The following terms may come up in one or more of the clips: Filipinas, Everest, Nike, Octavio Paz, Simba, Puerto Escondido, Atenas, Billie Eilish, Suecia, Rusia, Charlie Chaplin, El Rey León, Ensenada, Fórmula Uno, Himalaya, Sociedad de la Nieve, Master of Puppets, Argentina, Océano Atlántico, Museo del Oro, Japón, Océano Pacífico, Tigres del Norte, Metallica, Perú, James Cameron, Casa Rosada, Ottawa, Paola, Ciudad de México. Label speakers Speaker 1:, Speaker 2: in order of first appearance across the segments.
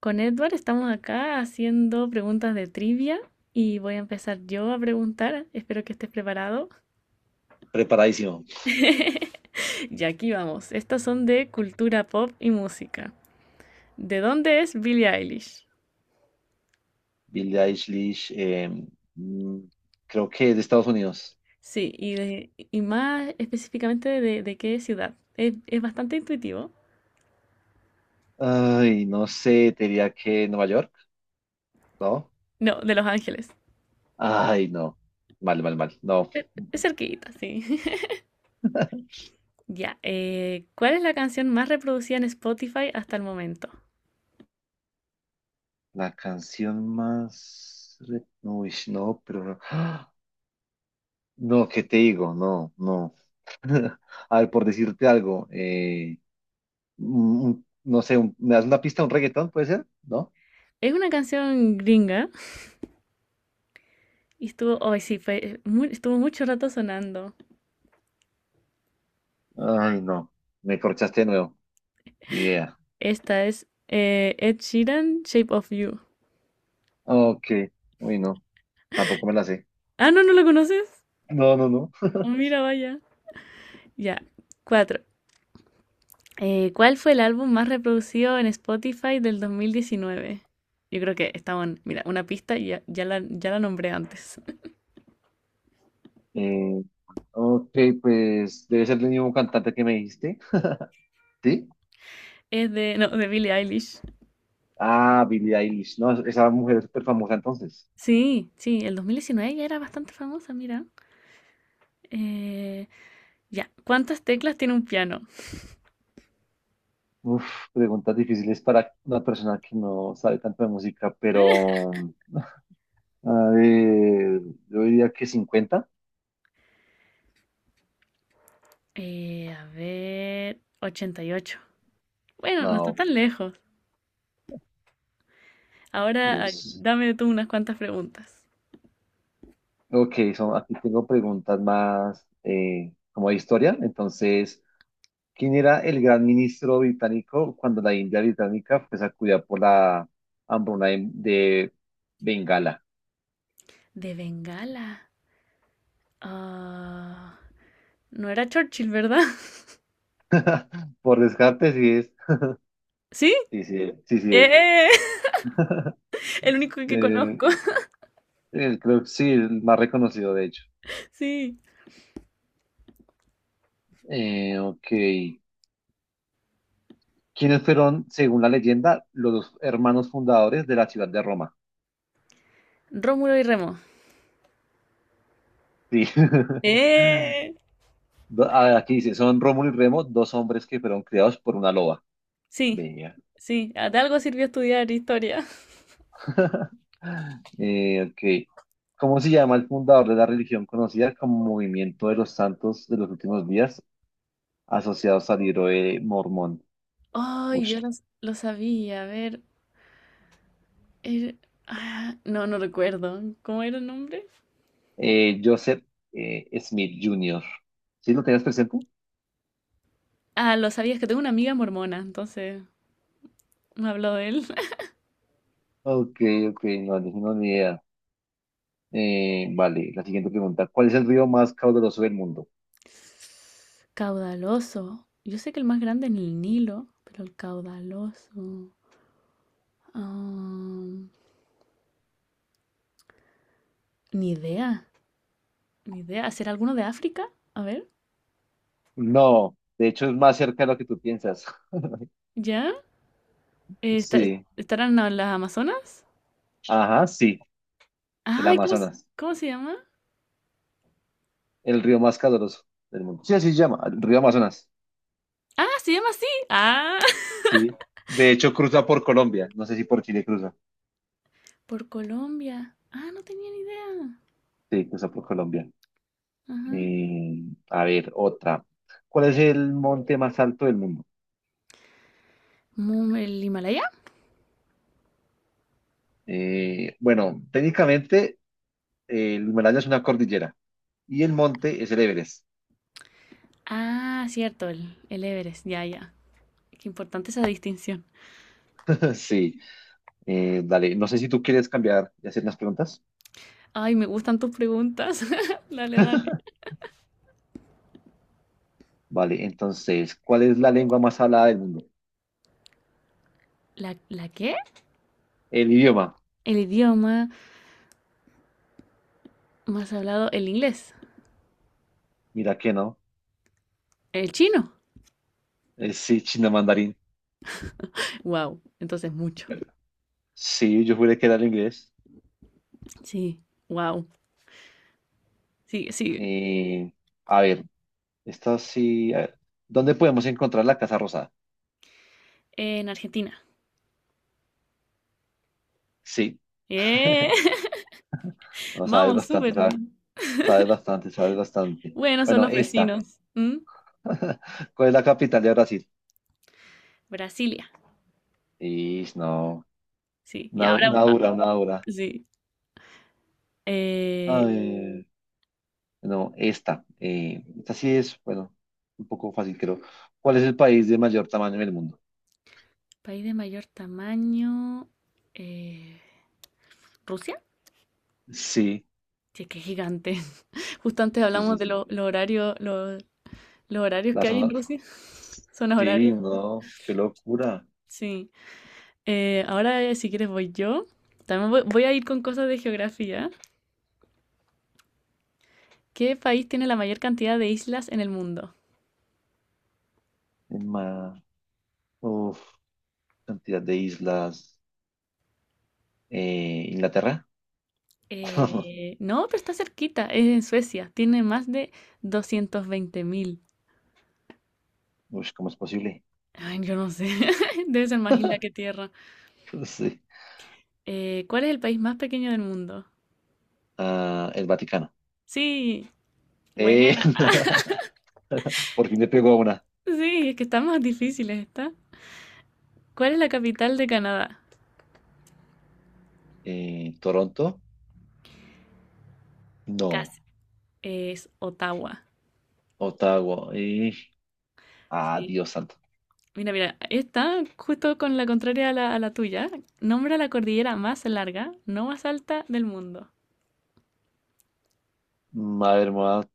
Speaker 1: Con Edward estamos acá haciendo preguntas de trivia y voy a empezar yo a preguntar. Espero que estés preparado.
Speaker 2: Preparadísimo.
Speaker 1: Y aquí vamos. Estas son de cultura pop y música. ¿De dónde es Billie Eilish?
Speaker 2: Billie Eilish, mm, creo que es de Estados Unidos.
Speaker 1: Sí, y, y más específicamente de qué ciudad. Es bastante intuitivo.
Speaker 2: Ay, no sé, te diría que Nueva York, ¿no?
Speaker 1: No, de Los Ángeles.
Speaker 2: Ay, no. Mal, mal, mal. No.
Speaker 1: Es cerquita, sí. Ya, ¿cuál es la canción más reproducida en Spotify hasta el momento?
Speaker 2: La canción más uy, no, pero... No, ¡Ah! No, ¿qué te digo? No, no. A ver, por decirte algo, no sé, ¿me das una pista, un reggaetón, puede ser? ¿No?
Speaker 1: Es una canción gringa. Y estuvo, hoy sí, estuvo mucho rato sonando.
Speaker 2: Ay, no. Me corchaste de nuevo. Ni idea.
Speaker 1: Esta es Ed Sheeran, Shape of You.
Speaker 2: Ok. Uy, no. Tampoco me la sé.
Speaker 1: Ah, no, ¿no la conoces?
Speaker 2: No, no, no.
Speaker 1: Oh, mira, vaya. Ya, cuatro. ¿Cuál fue el álbum más reproducido en Spotify del 2019? Yo creo que estaba en, mira, una pista y ya, ya la nombré antes.
Speaker 2: Eh, ok, pues debe ser el mismo cantante que me dijiste, ¿sí?
Speaker 1: Es de, no, de Billie Eilish.
Speaker 2: Ah, Billie Eilish, no, esa mujer es súper famosa entonces.
Speaker 1: Sí, sí, el 2019 ya era bastante famosa, mira. Eh, ya, ¿cuántas teclas tiene un piano?
Speaker 2: Uf, preguntas difíciles para una persona que no sabe tanto de música, pero a ver, yo diría que 50.
Speaker 1: A ver, 88. Bueno, no está
Speaker 2: No,
Speaker 1: tan lejos. Ahora, ah,
Speaker 2: Dios.
Speaker 1: dame tú unas cuantas preguntas.
Speaker 2: Ok, son, aquí tengo preguntas más como de historia, entonces, ¿quién era el gran ministro británico cuando la India británica fue sacudida por la hambruna de Bengala?
Speaker 1: De Bengala. Ah, no era Churchill, ¿verdad?
Speaker 2: Por descarte, sí es.
Speaker 1: ¿Sí?
Speaker 2: Sí, sí, es, sí, sí es.
Speaker 1: ¡Eh! El único que
Speaker 2: Eh,
Speaker 1: conozco.
Speaker 2: creo que sí, el más reconocido, de hecho.
Speaker 1: Sí.
Speaker 2: Ok. ¿Quiénes fueron, según la leyenda, los dos hermanos fundadores de la ciudad de Roma?
Speaker 1: Rómulo y Remo.
Speaker 2: Sí.
Speaker 1: ¡Eh!
Speaker 2: Aquí dice, son Rómulo y Remo, dos hombres que fueron criados por una loba.
Speaker 1: Sí.
Speaker 2: Venga.
Speaker 1: Sí. De algo sirvió estudiar historia.
Speaker 2: Ok. ¿Cómo se llama el fundador de la religión conocida como Movimiento de los Santos de los Últimos Días, asociados al libro de Mormón?
Speaker 1: Ay,
Speaker 2: Ush.
Speaker 1: yo lo, lo sabía. A ver. era- no, no recuerdo. ¿Cómo era el nombre?
Speaker 2: Joseph Smith Jr. ¿Sí lo tenías presente?
Speaker 1: Ah, lo sabía. Es que tengo una amiga mormona, entonces me habló de él.
Speaker 2: Ok, ok, no, no tengo ni idea. Vale, la siguiente pregunta. ¿Cuál es el río más caudaloso del mundo?
Speaker 1: Caudaloso. Yo sé que el más grande es el Nilo, pero el caudaloso. ah, Ni idea, ni idea. ¿Será alguno de África? A ver,
Speaker 2: No, de hecho es más cerca de lo que tú piensas.
Speaker 1: ¿ya? Eh, está-
Speaker 2: Sí,
Speaker 1: ¿Estarán las Amazonas?
Speaker 2: ajá, sí, el
Speaker 1: Ay,
Speaker 2: Amazonas,
Speaker 1: ¿cómo se llama?
Speaker 2: el río más caudaloso del mundo. Sí, así se llama, el río Amazonas.
Speaker 1: Ah, se llama así. Ah,
Speaker 2: Sí. De hecho, cruza por Colombia. No sé si por Chile cruza.
Speaker 1: por Colombia. Ah, no tenía ni idea.
Speaker 2: Sí, cruza por Colombia.
Speaker 1: Ajá.
Speaker 2: Eh, a ver, otra. ¿Cuál es el monte más alto del mundo?
Speaker 1: ¿El Himalaya?
Speaker 2: Bueno, técnicamente el Himalaya es una cordillera y el monte es el Everest.
Speaker 1: Ah, cierto, el Everest. Ya, ya. Qué importante esa distinción.
Speaker 2: Sí. Dale, no sé si tú quieres cambiar y hacer unas preguntas.
Speaker 1: Ay, me gustan tus preguntas. Dale, dale.
Speaker 2: Vale, entonces, ¿cuál es la lengua más hablada del mundo?
Speaker 1: ¿La, la qué?
Speaker 2: El idioma.
Speaker 1: El idioma más hablado, el inglés,
Speaker 2: Mira que no.
Speaker 1: el chino.
Speaker 2: Sí, chino mandarín.
Speaker 1: Wow, entonces mucho.
Speaker 2: Sí, yo juré que era el inglés.
Speaker 1: Sí, wow. Sí, sí.
Speaker 2: Eh, a ver. Esto sí. A ver, ¿dónde podemos encontrar la Casa Rosada?
Speaker 1: En Argentina.
Speaker 2: Sí.
Speaker 1: ¡Eh!
Speaker 2: No,
Speaker 1: Vamos, súper bien.
Speaker 2: sabes bastante, sabes bastante.
Speaker 1: Bueno, son
Speaker 2: Bueno,
Speaker 1: los
Speaker 2: esta.
Speaker 1: vecinos. ¿Mm?
Speaker 2: ¿Cuál es la capital de Brasil?
Speaker 1: Brasilia.
Speaker 2: Y no.
Speaker 1: Sí, y ahora,
Speaker 2: Una
Speaker 1: ah,
Speaker 2: dura, una dura.
Speaker 1: sí. Eh,
Speaker 2: Ay, no, esta. Esta sí es, bueno, un poco fácil, creo. ¿Cuál es el país de mayor tamaño en el mundo?
Speaker 1: país de mayor tamaño. eh, ¿Rusia?
Speaker 2: Sí,
Speaker 1: Sí, es que es gigante. Justo antes
Speaker 2: sí,
Speaker 1: hablamos
Speaker 2: sí,
Speaker 1: de
Speaker 2: sí.
Speaker 1: los horarios, los horarios
Speaker 2: La
Speaker 1: que hay en
Speaker 2: zona.
Speaker 1: Rusia. Son
Speaker 2: Sí,
Speaker 1: horarios.
Speaker 2: no, qué locura.
Speaker 1: Sí. Ahora, si quieres, voy yo. También voy a ir con cosas de geografía. ¿Qué país tiene la mayor cantidad de islas en el mundo?
Speaker 2: En ma- Uf, cantidad de islas. ¿Inglaterra?
Speaker 1: No, pero está cerquita, es en Suecia. Tiene más de 220.000.
Speaker 2: Uy, ¿cómo es posible?
Speaker 1: Ay, yo no sé. Debe ser más isla que tierra.
Speaker 2: Sí.
Speaker 1: ¿Cuál es el país más pequeño del mundo?
Speaker 2: Ah, el Vaticano.
Speaker 1: Sí,
Speaker 2: Eh,
Speaker 1: buena.
Speaker 2: por fin le pegó a una.
Speaker 1: Sí, es que están más difíciles, ¿está? ¿Cuál es la capital de Canadá?
Speaker 2: ¿Toronto? No.
Speaker 1: Casi. Es Ottawa.
Speaker 2: Ottawa.
Speaker 1: Sí.
Speaker 2: Dios santo.
Speaker 1: Mira, mira, esta, justo con la contraria a a la tuya, nombra la cordillera más larga, no más alta del mundo.
Speaker 2: A ver, me voy a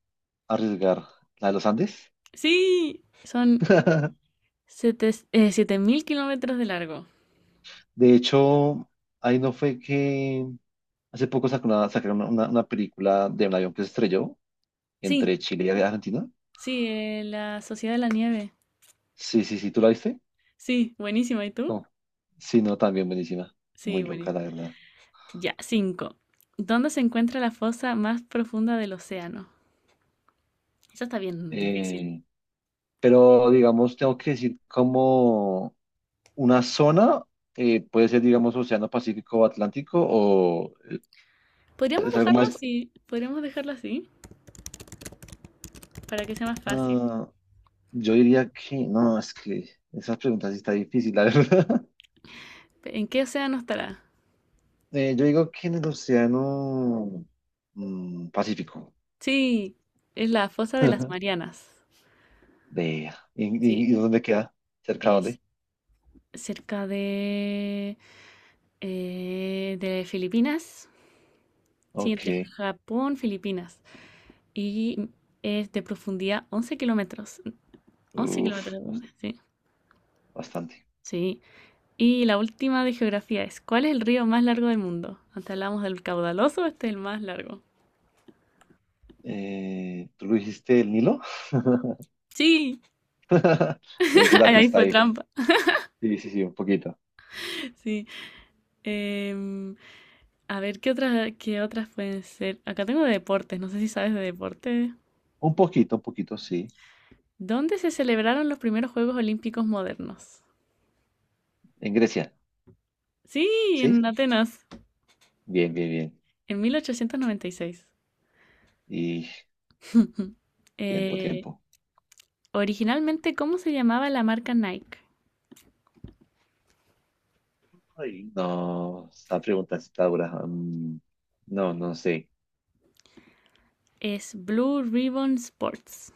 Speaker 2: arriesgar. ¿La de los Andes?
Speaker 1: Sí, son siete 7.000 kilómetros de largo.
Speaker 2: De hecho, ahí no fue que hace poco sacó una, sacaron una película de un avión que se estrelló
Speaker 1: Sí,
Speaker 2: entre Chile y Argentina.
Speaker 1: sí, la Sociedad de la Nieve.
Speaker 2: Sí, sí, sí, ¿tú la viste?
Speaker 1: Sí, buenísima. ¿Y tú?
Speaker 2: No. Sí, no, también buenísima.
Speaker 1: Sí,
Speaker 2: Muy loca,
Speaker 1: buenísima.
Speaker 2: la verdad.
Speaker 1: Ya, cinco. ¿Dónde se encuentra la fosa más profunda del océano? Eso está bien difícil.
Speaker 2: Eh, pero digamos, tengo que decir como una zona, puede ser, digamos, Océano Pacífico o Atlántico, o es algo más.
Speaker 1: Podríamos dejarlo así, para que sea más fácil.
Speaker 2: ah, yo diría que, no, es que esas preguntas sí está difícil, la verdad.
Speaker 1: ¿En qué océano estará?
Speaker 2: Yo digo que en el Océano Pacífico.
Speaker 1: Sí, es la fosa de las Marianas.
Speaker 2: Vea. ¿Y,
Speaker 1: Sí,
Speaker 2: y- y dónde queda? ¿Cerca de
Speaker 1: es
Speaker 2: dónde?
Speaker 1: cerca de Filipinas. Sí,
Speaker 2: Ok,
Speaker 1: entre Japón, Filipinas. Y es de profundidad 11 kilómetros. Once
Speaker 2: uff,
Speaker 1: kilómetros, sí.
Speaker 2: bastante.
Speaker 1: Sí. Y la última de geografía es, ¿cuál es el río más largo del mundo? Antes hablamos del caudaloso, este es el más largo.
Speaker 2: ¿Tú lo dijiste el Nilo?
Speaker 1: Sí,
Speaker 2: Me dice la
Speaker 1: ahí
Speaker 2: pista
Speaker 1: fue
Speaker 2: ahí.
Speaker 1: trampa.
Speaker 2: Sí, sí, sí, un poquito.
Speaker 1: Sí. Em, a ver, ¿qué otras pueden ser? Acá tengo de deportes, no sé si sabes de deportes.
Speaker 2: Un poquito, un poquito, sí.
Speaker 1: ¿Dónde se celebraron los primeros Juegos Olímpicos modernos?
Speaker 2: En Grecia,
Speaker 1: Sí, en
Speaker 2: ¿sí?
Speaker 1: Atenas,
Speaker 2: Bien, bien, bien.
Speaker 1: en 1896.
Speaker 2: Y tiempo,
Speaker 1: Eh,
Speaker 2: tiempo.
Speaker 1: originalmente, ¿cómo se llamaba la marca Nike?
Speaker 2: Ay, no, esta pregunta está dura. No, no sé.
Speaker 1: Es Blue Ribbon Sports.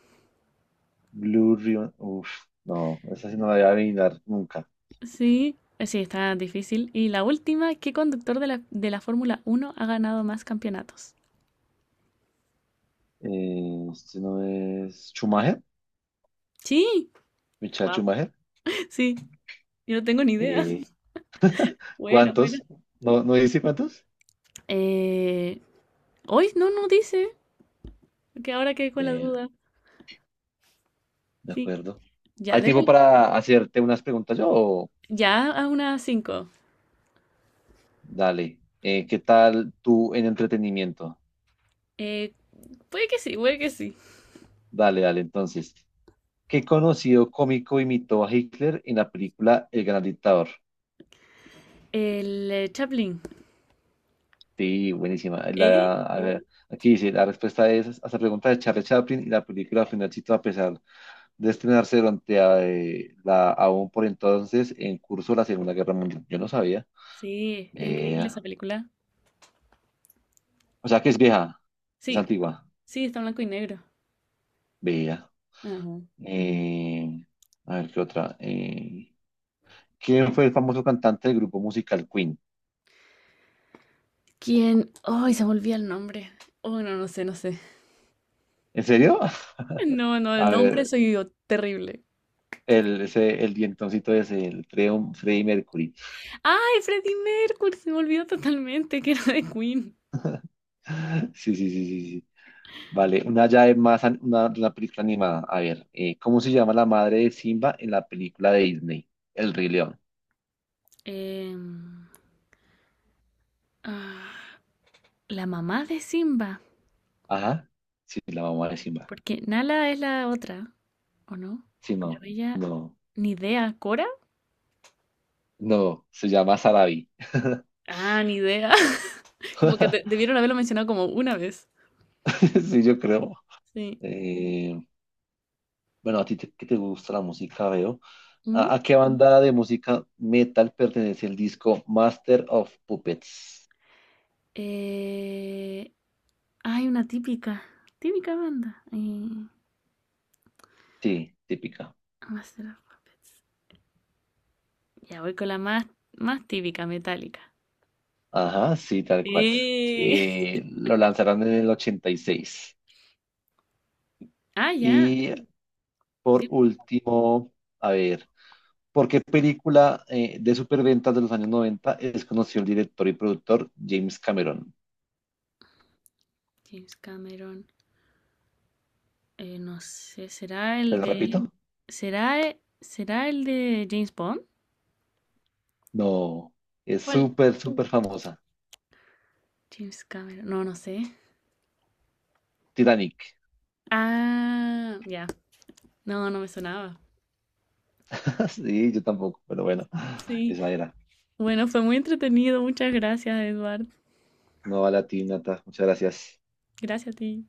Speaker 2: Blue Ribbon, uf, no, esa sí no la voy a adivinar nunca.
Speaker 1: Sí, sí, está difícil. Y la última, ¿qué conductor de de la Fórmula Uno ha ganado más campeonatos?
Speaker 2: Este no es Schumacher,
Speaker 1: Sí,
Speaker 2: Michael
Speaker 1: wow.
Speaker 2: Schumacher.
Speaker 1: Sí, yo no tengo ni idea.
Speaker 2: Eh,
Speaker 1: Buena, buena.
Speaker 2: ¿Cuántos? ¿No, no dice cuántos?
Speaker 1: Eh, hoy no, no dice, que ahora quedé con la
Speaker 2: Eh,
Speaker 1: duda.
Speaker 2: de
Speaker 1: Sí,
Speaker 2: acuerdo.
Speaker 1: ya,
Speaker 2: ¿Hay tiempo
Speaker 1: démosle.
Speaker 2: para hacerte unas preguntas yo?
Speaker 1: Ya a unas cinco.
Speaker 2: Dale. ¿Qué tal tú en entretenimiento?
Speaker 1: Eh, puede que sí, puede que sí.
Speaker 2: Dale, dale, entonces. ¿Qué conocido cómico imitó a Hitler en la película El Gran Dictador?
Speaker 1: El Chaplin.
Speaker 2: Sí, buenísima.
Speaker 1: ¿Eh?
Speaker 2: A ver, aquí dice, la respuesta es a esta pregunta de Charlie Chaplin, y la película fue un éxito a pesar de estrenarse durante aún por entonces en curso, la Segunda Guerra Mundial. Yo no sabía.
Speaker 1: Sí, es increíble
Speaker 2: Vea.
Speaker 1: esa película.
Speaker 2: O sea que es vieja, es
Speaker 1: Sí,
Speaker 2: antigua.
Speaker 1: sí, está en blanco y negro.
Speaker 2: Vea.
Speaker 1: Ajá.
Speaker 2: Eh, a ver, ¿qué otra? ¿Quién fue el famoso cantante del grupo musical Queen?
Speaker 1: ¿Quién? Ay, se me olvida el nombre. Oh, no, no sé, no sé.
Speaker 2: ¿En serio?
Speaker 1: No, no, el
Speaker 2: A
Speaker 1: nombre
Speaker 2: ver,
Speaker 1: soy yo, terrible.
Speaker 2: El dientoncito ese, el Freddie Mercury.
Speaker 1: ¡Ay, Freddie Mercury! Se me olvidó totalmente que era de Queen.
Speaker 2: Sí, sí, sí, sí, sí. Vale, una llave más, una película animada. A ver, ¿cómo se llama la madre de Simba en la película de Disney? El Rey León.
Speaker 1: Em, ah, la mamá de Simba.
Speaker 2: Ajá. Sí, la mamá de Simba.
Speaker 1: Porque Nala es la otra, ¿o no?
Speaker 2: Sí,
Speaker 1: Pero
Speaker 2: no,
Speaker 1: ella,
Speaker 2: no,
Speaker 1: ni idea, ¿Cora?
Speaker 2: no. Se llama Sarabi.
Speaker 1: Ah, ni idea. Como que debieron haberlo mencionado como una vez.
Speaker 2: Sí, yo creo.
Speaker 1: Sí.
Speaker 2: Eh, bueno, a ti que te gusta la música, veo.
Speaker 1: Mm,
Speaker 2: ¿A qué banda de música metal pertenece el disco Master of Puppets?
Speaker 1: eh, hay una típica banda.
Speaker 2: Sí, típica.
Speaker 1: Master of Puppets. Ya voy con más típica, metálica.
Speaker 2: Ajá, sí, tal cual.
Speaker 1: Sí.
Speaker 2: Lo lanzaron en el 86.
Speaker 1: Ah, ya.
Speaker 2: Y por
Speaker 1: Tiempo ya.
Speaker 2: último, a ver, ¿por qué película de superventas de los años 90 es conocido el director y productor James Cameron?
Speaker 1: James Cameron. No sé, ¿será
Speaker 2: ¿Te
Speaker 1: el
Speaker 2: lo repito?
Speaker 1: de... ¿será el de James Bond?
Speaker 2: No, es
Speaker 1: ¿Cuál?
Speaker 2: súper, súper famosa.
Speaker 1: James Cameron. No, no sé.
Speaker 2: Titanic.
Speaker 1: Ah, ya. No, no me sonaba.
Speaker 2: Sí, yo tampoco, pero bueno,
Speaker 1: Sí.
Speaker 2: esa era.
Speaker 1: Bueno, fue muy entretenido. Muchas gracias, Eduard.
Speaker 2: No a la ti, Nata. Muchas gracias.
Speaker 1: Gracias a ti.